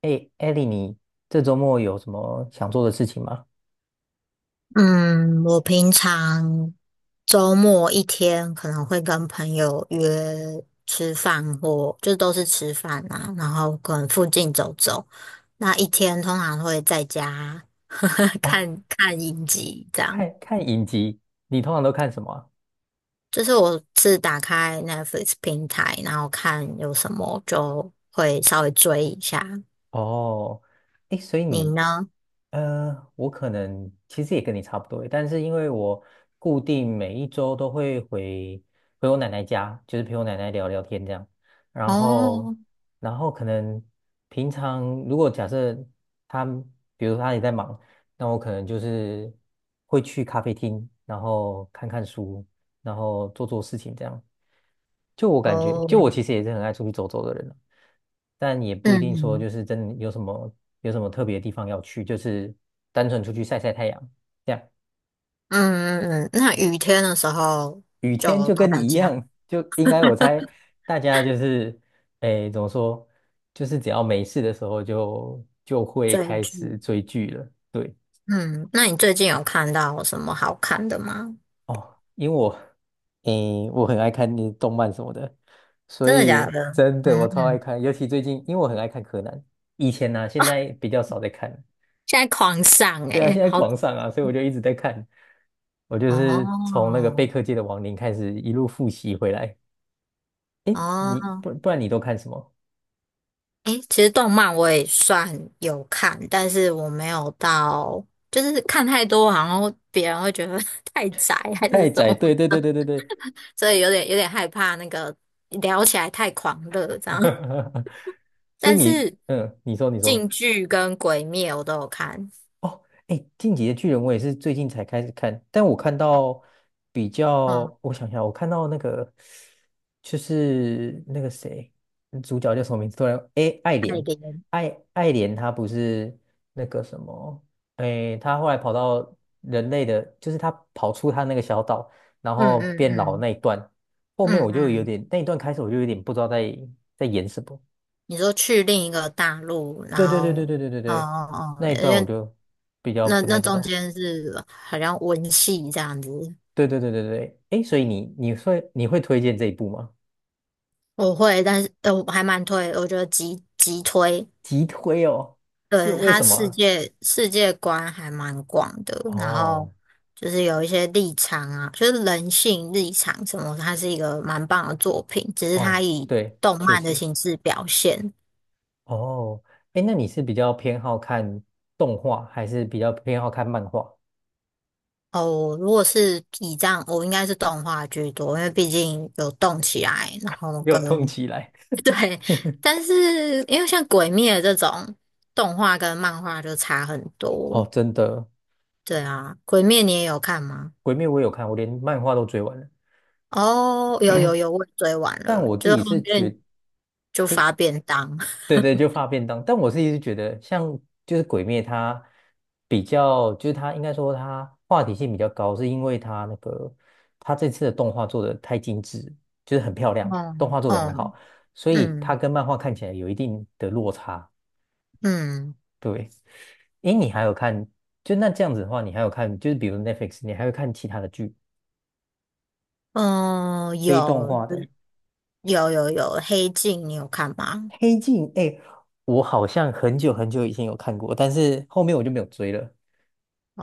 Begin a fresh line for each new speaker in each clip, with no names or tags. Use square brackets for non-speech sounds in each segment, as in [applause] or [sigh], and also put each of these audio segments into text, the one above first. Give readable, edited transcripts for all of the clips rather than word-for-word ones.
哎，艾莉，你这周末有什么想做的事情吗？
嗯，我平常周末一天可能会跟朋友约吃饭或，就都是吃饭啊，然后可能附近走走。那一天通常会在家 [laughs]
啊，
看看影集，这样。
看看影集，你通常都看什么啊？
就是我是打开 Netflix 平台，然后看有什么就会稍微追一下。
哦，哎，所以
你
你。
呢？
我可能其实也跟你差不多，但是因为我固定每一周都会回我奶奶家，就是陪我奶奶聊聊天这样，然后，
哦
可能平常如果假设她，比如说她也在忙，那我可能就是会去咖啡厅，然后看看书，然后做做事情这样。就我感觉，
哦，
就我其实也是很爱出去走走的人啊，但也不一定说
嗯
就是真的有什么特别的地方要去，就是单纯出去晒晒太阳这样。
嗯嗯嗯，那雨天的时候
雨天
就
就
都
跟你
在
一
家。
样，就应该我猜大家就是，哎怎么说，就是只要没事的时候就会
追
开始
剧。
追剧了。对。
嗯，那你最近有看到什么好看的吗？
哦，因为我，诶，我很爱看那动漫什么的，所
真的假
以
的？
真的
嗯
我超爱
嗯，
看，尤其最近，因为我很爱看柯南，以前呢、现在比较少在看了。
现在狂上
对啊，现
诶、
在
好。
狂上啊，所以我就一直在看。我就是从那个
哦
贝课界的亡灵开始一路复习回来。诶，你
哦，
不然你都看什么？
诶、其实动漫我也算有看，但是我没有到，就是看太多，好像别人会觉得 [laughs] 太宅还是
太
什
宰，
么，
对对对对对对。
所以有点害怕那个聊起来太狂热这样。
[laughs] 所以
但
你，
是
嗯，你说你说。
《进剧跟《鬼灭》我都有看，
哦，哎，《进击的巨人》我也是最近才开始看，但我看到比
嗯，
较，我想想，我看到那个就是那个谁，主角叫什么名字？突然，哎，爱
爱
莲，
莲，
爱莲，她不是那个什么，哎，她后来跑到人类的，就是她跑出她那个小岛，然
嗯
后
嗯
变老
嗯。
那一段，后面
嗯
我就有
嗯，
点，那一段开始我就有点不知道在演什么。
你说去另一个大陆，然
对对对对
后，
对对对
哦
对，
哦哦，
那一
因
段我
为
就比较
那
不太
那
知
中
道。
间是好像文戏这样子。
对对对对对，诶，所以你会推荐这一部吗？
我会，但是我还蛮推，我觉得极推，
急推哦，是
对，
为
他
什么
世
啊？
界世界观还蛮广的，然后
哦
就是有一些立场啊，就是人性立场什么，它是一个蛮棒的作品，只是它
哦，
以
对，
动
确
漫的
实。
形式表现。
哦，诶，那你是比较偏好看动画，还是比较偏好看漫画？
哦，如果是以这样，我应该是动画居多，因为毕竟有动起来，然后
没有
跟
动起来！
[laughs] 对，但是因为像《鬼灭》这种动画跟漫画就差很多。
哦，真的，
对啊，《鬼灭》你也有看吗？
《鬼灭》我有看，我连漫画都追完了。
哦，有有有，我也追完
但
了，
我自
就是
己
后
是
面
觉，
就发便当。[laughs]
对对，就发便当。但我自己是一直觉得，像就是《鬼灭》，它比较，就是它应该说它话题性比较高，是因为它那个它这次的动画做的太精致，就是很漂亮，
哦
动画做的很
哦
好，所以它
嗯
跟漫画看起来有一定的落差。
嗯
对，诶，你还有看，就那这样子的话，你还有看，就是比如 Netflix，你还会看其他的剧，
嗯，
非动
有
画的。
有有有，《黑镜》你有看吗？
黑镜，哎，我好像很久很久以前有看过，但是后面我就没有追了。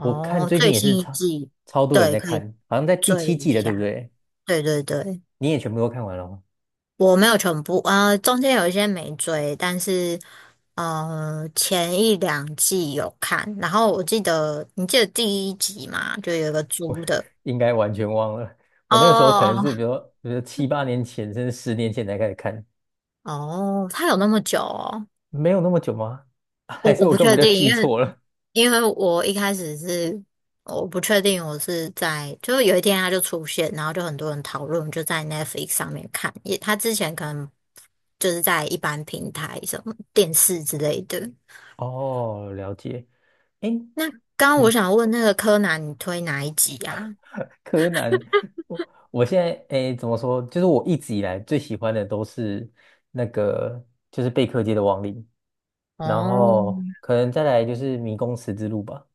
我看最近
最
也是
新一
超
季，
超多人
对，
在
可以。
看，好像在第
追了
七
一
季了，对不
下，
对？
对对对，
你也全部都看完了吗？
我没有全部，中间有一些没追，但是前一两季有看，然后我记得你记得第一集嘛，就有一个
我
猪
[laughs]
的。
应该完全忘了。我那个时候可能是
哦
比如说7、8年前，甚至10年前才开始看，
哦，他有那么久哦？
没有那么久吗？[laughs]
我
还是
我
我
不
根本
确
就
定，
记
因为
错了？
我一开始是我不确定我是在，就是有一天他就出现，然后就很多人讨论，就在 Netflix 上面看，也他之前可能就是在一般平台什么电视之类的。
[laughs] 哦，了解。哎，
那刚刚我
嗯，
想问那个柯南，你推哪一集啊？
柯南，我我现在诶怎么说？就是我一直以来最喜欢的都是那个，就是贝克街的亡灵，然
哦，
后可能再来就是迷宫十字路吧。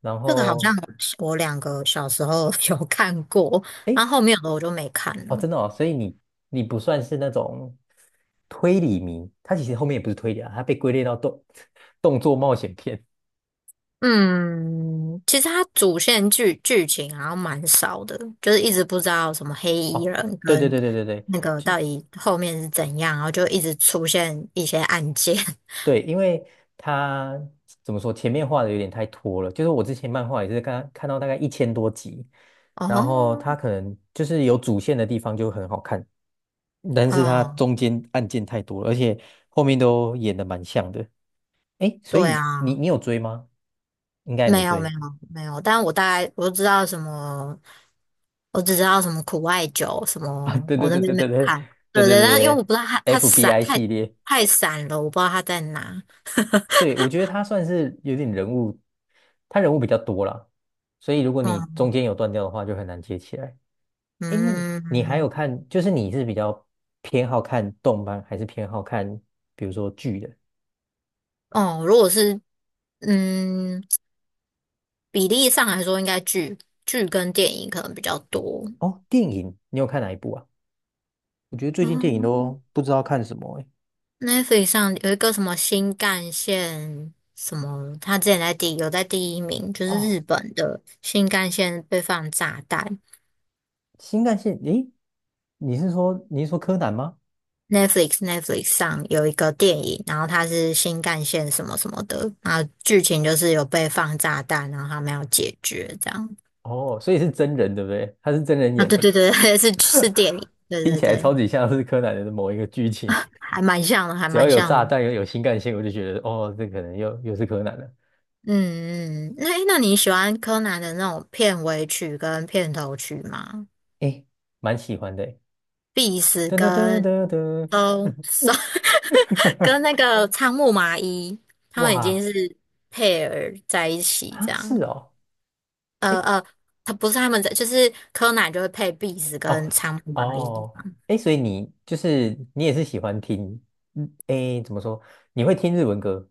然
这个好像
后
我两个小时候 [laughs] 有看过，
诶，
然后后面的我就没看
哦
了。
真的哦，所以你不算是那种推理迷，它其实后面也不是推理啊，它被归类到[laughs] 动作冒险片。
嗯，其实它主线剧情好像蛮少的，就是一直不知道什么黑衣
哦，
人
对对
跟
对对对对，
那个
就。
到底后面是怎样，然后就一直出现一些案件。
对，因为他怎么说，前面画的有点太拖了。就是我之前漫画也是刚看到大概1000多集，
[laughs]
然后
哦，
他可能就是有主线的地方就很好看，但是它
嗯，
中间案件太多了，而且后面都演的蛮像的。哎，所
对
以你
啊，
你有追吗？应该也
没
没
有没
追
有没有，但我大概我就知道什么我只知道什么苦艾酒什
啊。[laughs]
么，
对
我
对
那
对对
边没
对
有
对
看。
对对
对
对
对，但因为我
对
不知道它散
，FBI
太
系列，
太散了，我不知道它在哪。
对，我觉得他算是有点人物，他人物比较多啦，所以如果你
嗯
中间有断掉的话，就很难接起来。哎，那你还有
嗯
看，就是你是比较偏好看动漫，还是偏好看比如说剧的？
哦，如果是嗯比例上来说，应该剧跟电影可能比较多。
哦，电影，你有看哪一部啊？我觉得最近电影
嗯
都不知道看什么哎，
，Netflix 上有一个什么新干线什么，它之前有在第一名，就是
哦，
日本的新干线被放炸弹。
新干线，诶，你是说柯南吗？
Netflix 上有一个电影，然后它是新干线什么什么的，然后剧情就是有被放炸弹，然后他们要解决这样。
哦，所以是真人对不对？他是真人
啊，
演
对
的，
对对，[laughs] 是电影，对
听
对
起来超
对，
级像是柯南的某一个剧情。
还蛮像的，
[laughs]
还
只要
蛮
有
像
炸
的。嗯
弹，又有新干线，我就觉得哦，这可能又是柯南了。
嗯，那你喜欢柯南的那种片尾曲跟片头曲吗？
诶，蛮喜欢的诶。
必死
噔噔噔
跟
噔噔，
都 [laughs] 跟那个仓木麻衣，
[laughs]
他们已经
哇！
是配儿在一起这
啊，是
样。
哦，
呃
哎，
呃，他不是他们在，就是柯南就会配壁纸
哦，
跟仓鼠蚂蚁。
哦，哎，所以你就是你也是喜欢听，嗯，哎，怎么说？你会听日文歌？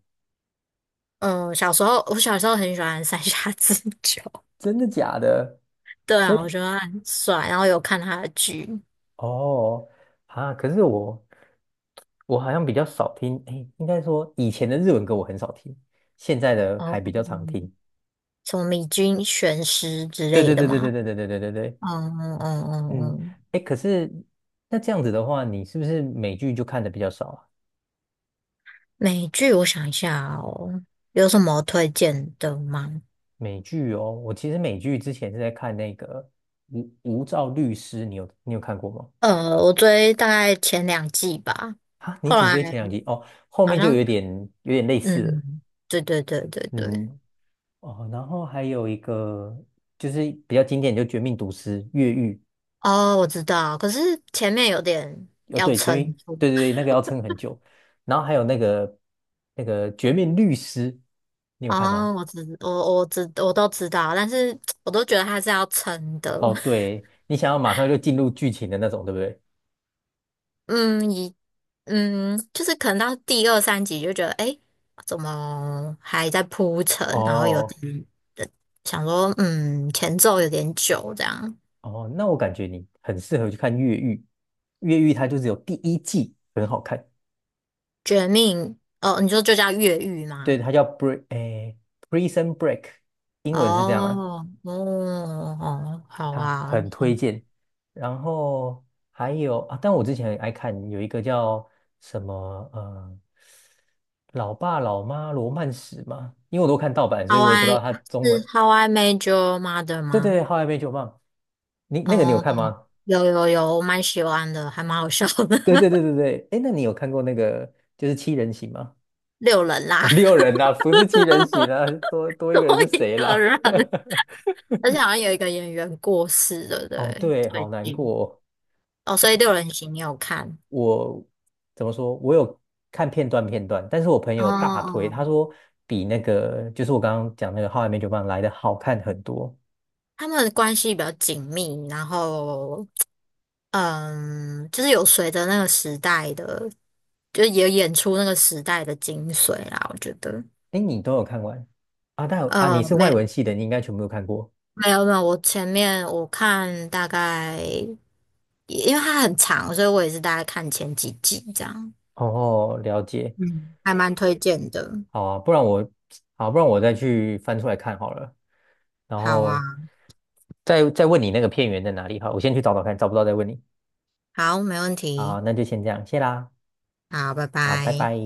嗯，小时候我小时候很喜欢三下智久。
真的假的？
[laughs] 对
所以，
啊，我觉得他很帅，然后有看他的剧，
哦，啊，可是我好像比较少听，哎，应该说以前的日文歌我很少听，现在的还
哦，
比较常听。
什么米津玄师之
对
类
对
的
对对对
嘛。
对对对对对对，
嗯嗯嗯
嗯，
嗯，
哎，可是那这样子的话，你是不是美剧就看的比较少啊？
美剧我想一下哦，有什么推荐的吗？
美剧哦，我其实美剧之前是在看那个无照律师，你有看过吗？
我追大概前两季吧，
啊，你
后
只
来
追前2集哦，后
好
面就有
像
点有点类似了。
嗯，对对对对对。
嗯，哦，然后还有一个就是比较经典，就《绝命毒师》越狱。
哦，我知道，可是前面有点
哦，
要
对，前面
撑住。
对对对，那个要撑很久。然后还有那个《绝命律师》，你有看吗？
哦，我都知道，但是我都觉得它是要撑的。
哦，
[laughs]
对，你想要马上就进入剧情的那种，对不对？
嗯，就是可能到第二三集就觉得，诶，怎么还在铺陈？然后有
哦。
点想说，前奏有点久，这样。
哦，那我感觉你很适合去看越狱。越狱它就只有第一季很好看，
绝命，哦，你说就叫越狱
对，
吗？
它叫 Break，诶，Prison Break，英文是这样啦，
哦，哦，哦，好
它
啊
很推荐。然后还有啊，但我之前很爱看有一个叫什么呃，老爸老妈罗曼史嘛，因为我都看盗版，所以
，How
我也不知道
I
它中
是
文。
How I Made Your Mother
对对
吗？
对，How I m 你那个你有
哦。
看吗？
有有有，我蛮喜欢的，还蛮好笑的。
对对对
[laughs]
对对，哎，那你有看过那个就是七人行吗？
六人
[laughs]
啦，
啊，六人呐、不是七人行啊，多
[laughs]
多一
多
个人是
一
谁
个
啦？
人，
[laughs]
而且好像有一个演员过世了，不
哦，
对？
对，好
最
难
近
过哦。
哦，所以六人行你有看？
我怎么说？我有看片段片段，但是我朋
哦
友大推，他
哦，
说比那个就是我刚刚讲那个《好爱没酒伴》来的好看很多。
他们关系比较紧密，然后就是有随着那个时代的，就也演出那个时代的精髓啦，我觉得。
哎，你都有看完啊？但啊，你
呃，
是外文
没
系的，你应该全部都看过。
没有没有，我前面我看大概，因为它很长，所以我也是大概看前几集这样。
哦，了解。
嗯，还蛮推荐的。
好啊，不然我好，不然我再去翻出来看好了，然
好
后
啊，
再问你那个片源在哪里。哈，我先去找找看，找不到再问你。
好，没问题。
好，那就先这样，谢啦，
好，拜
好，拜
拜。
拜。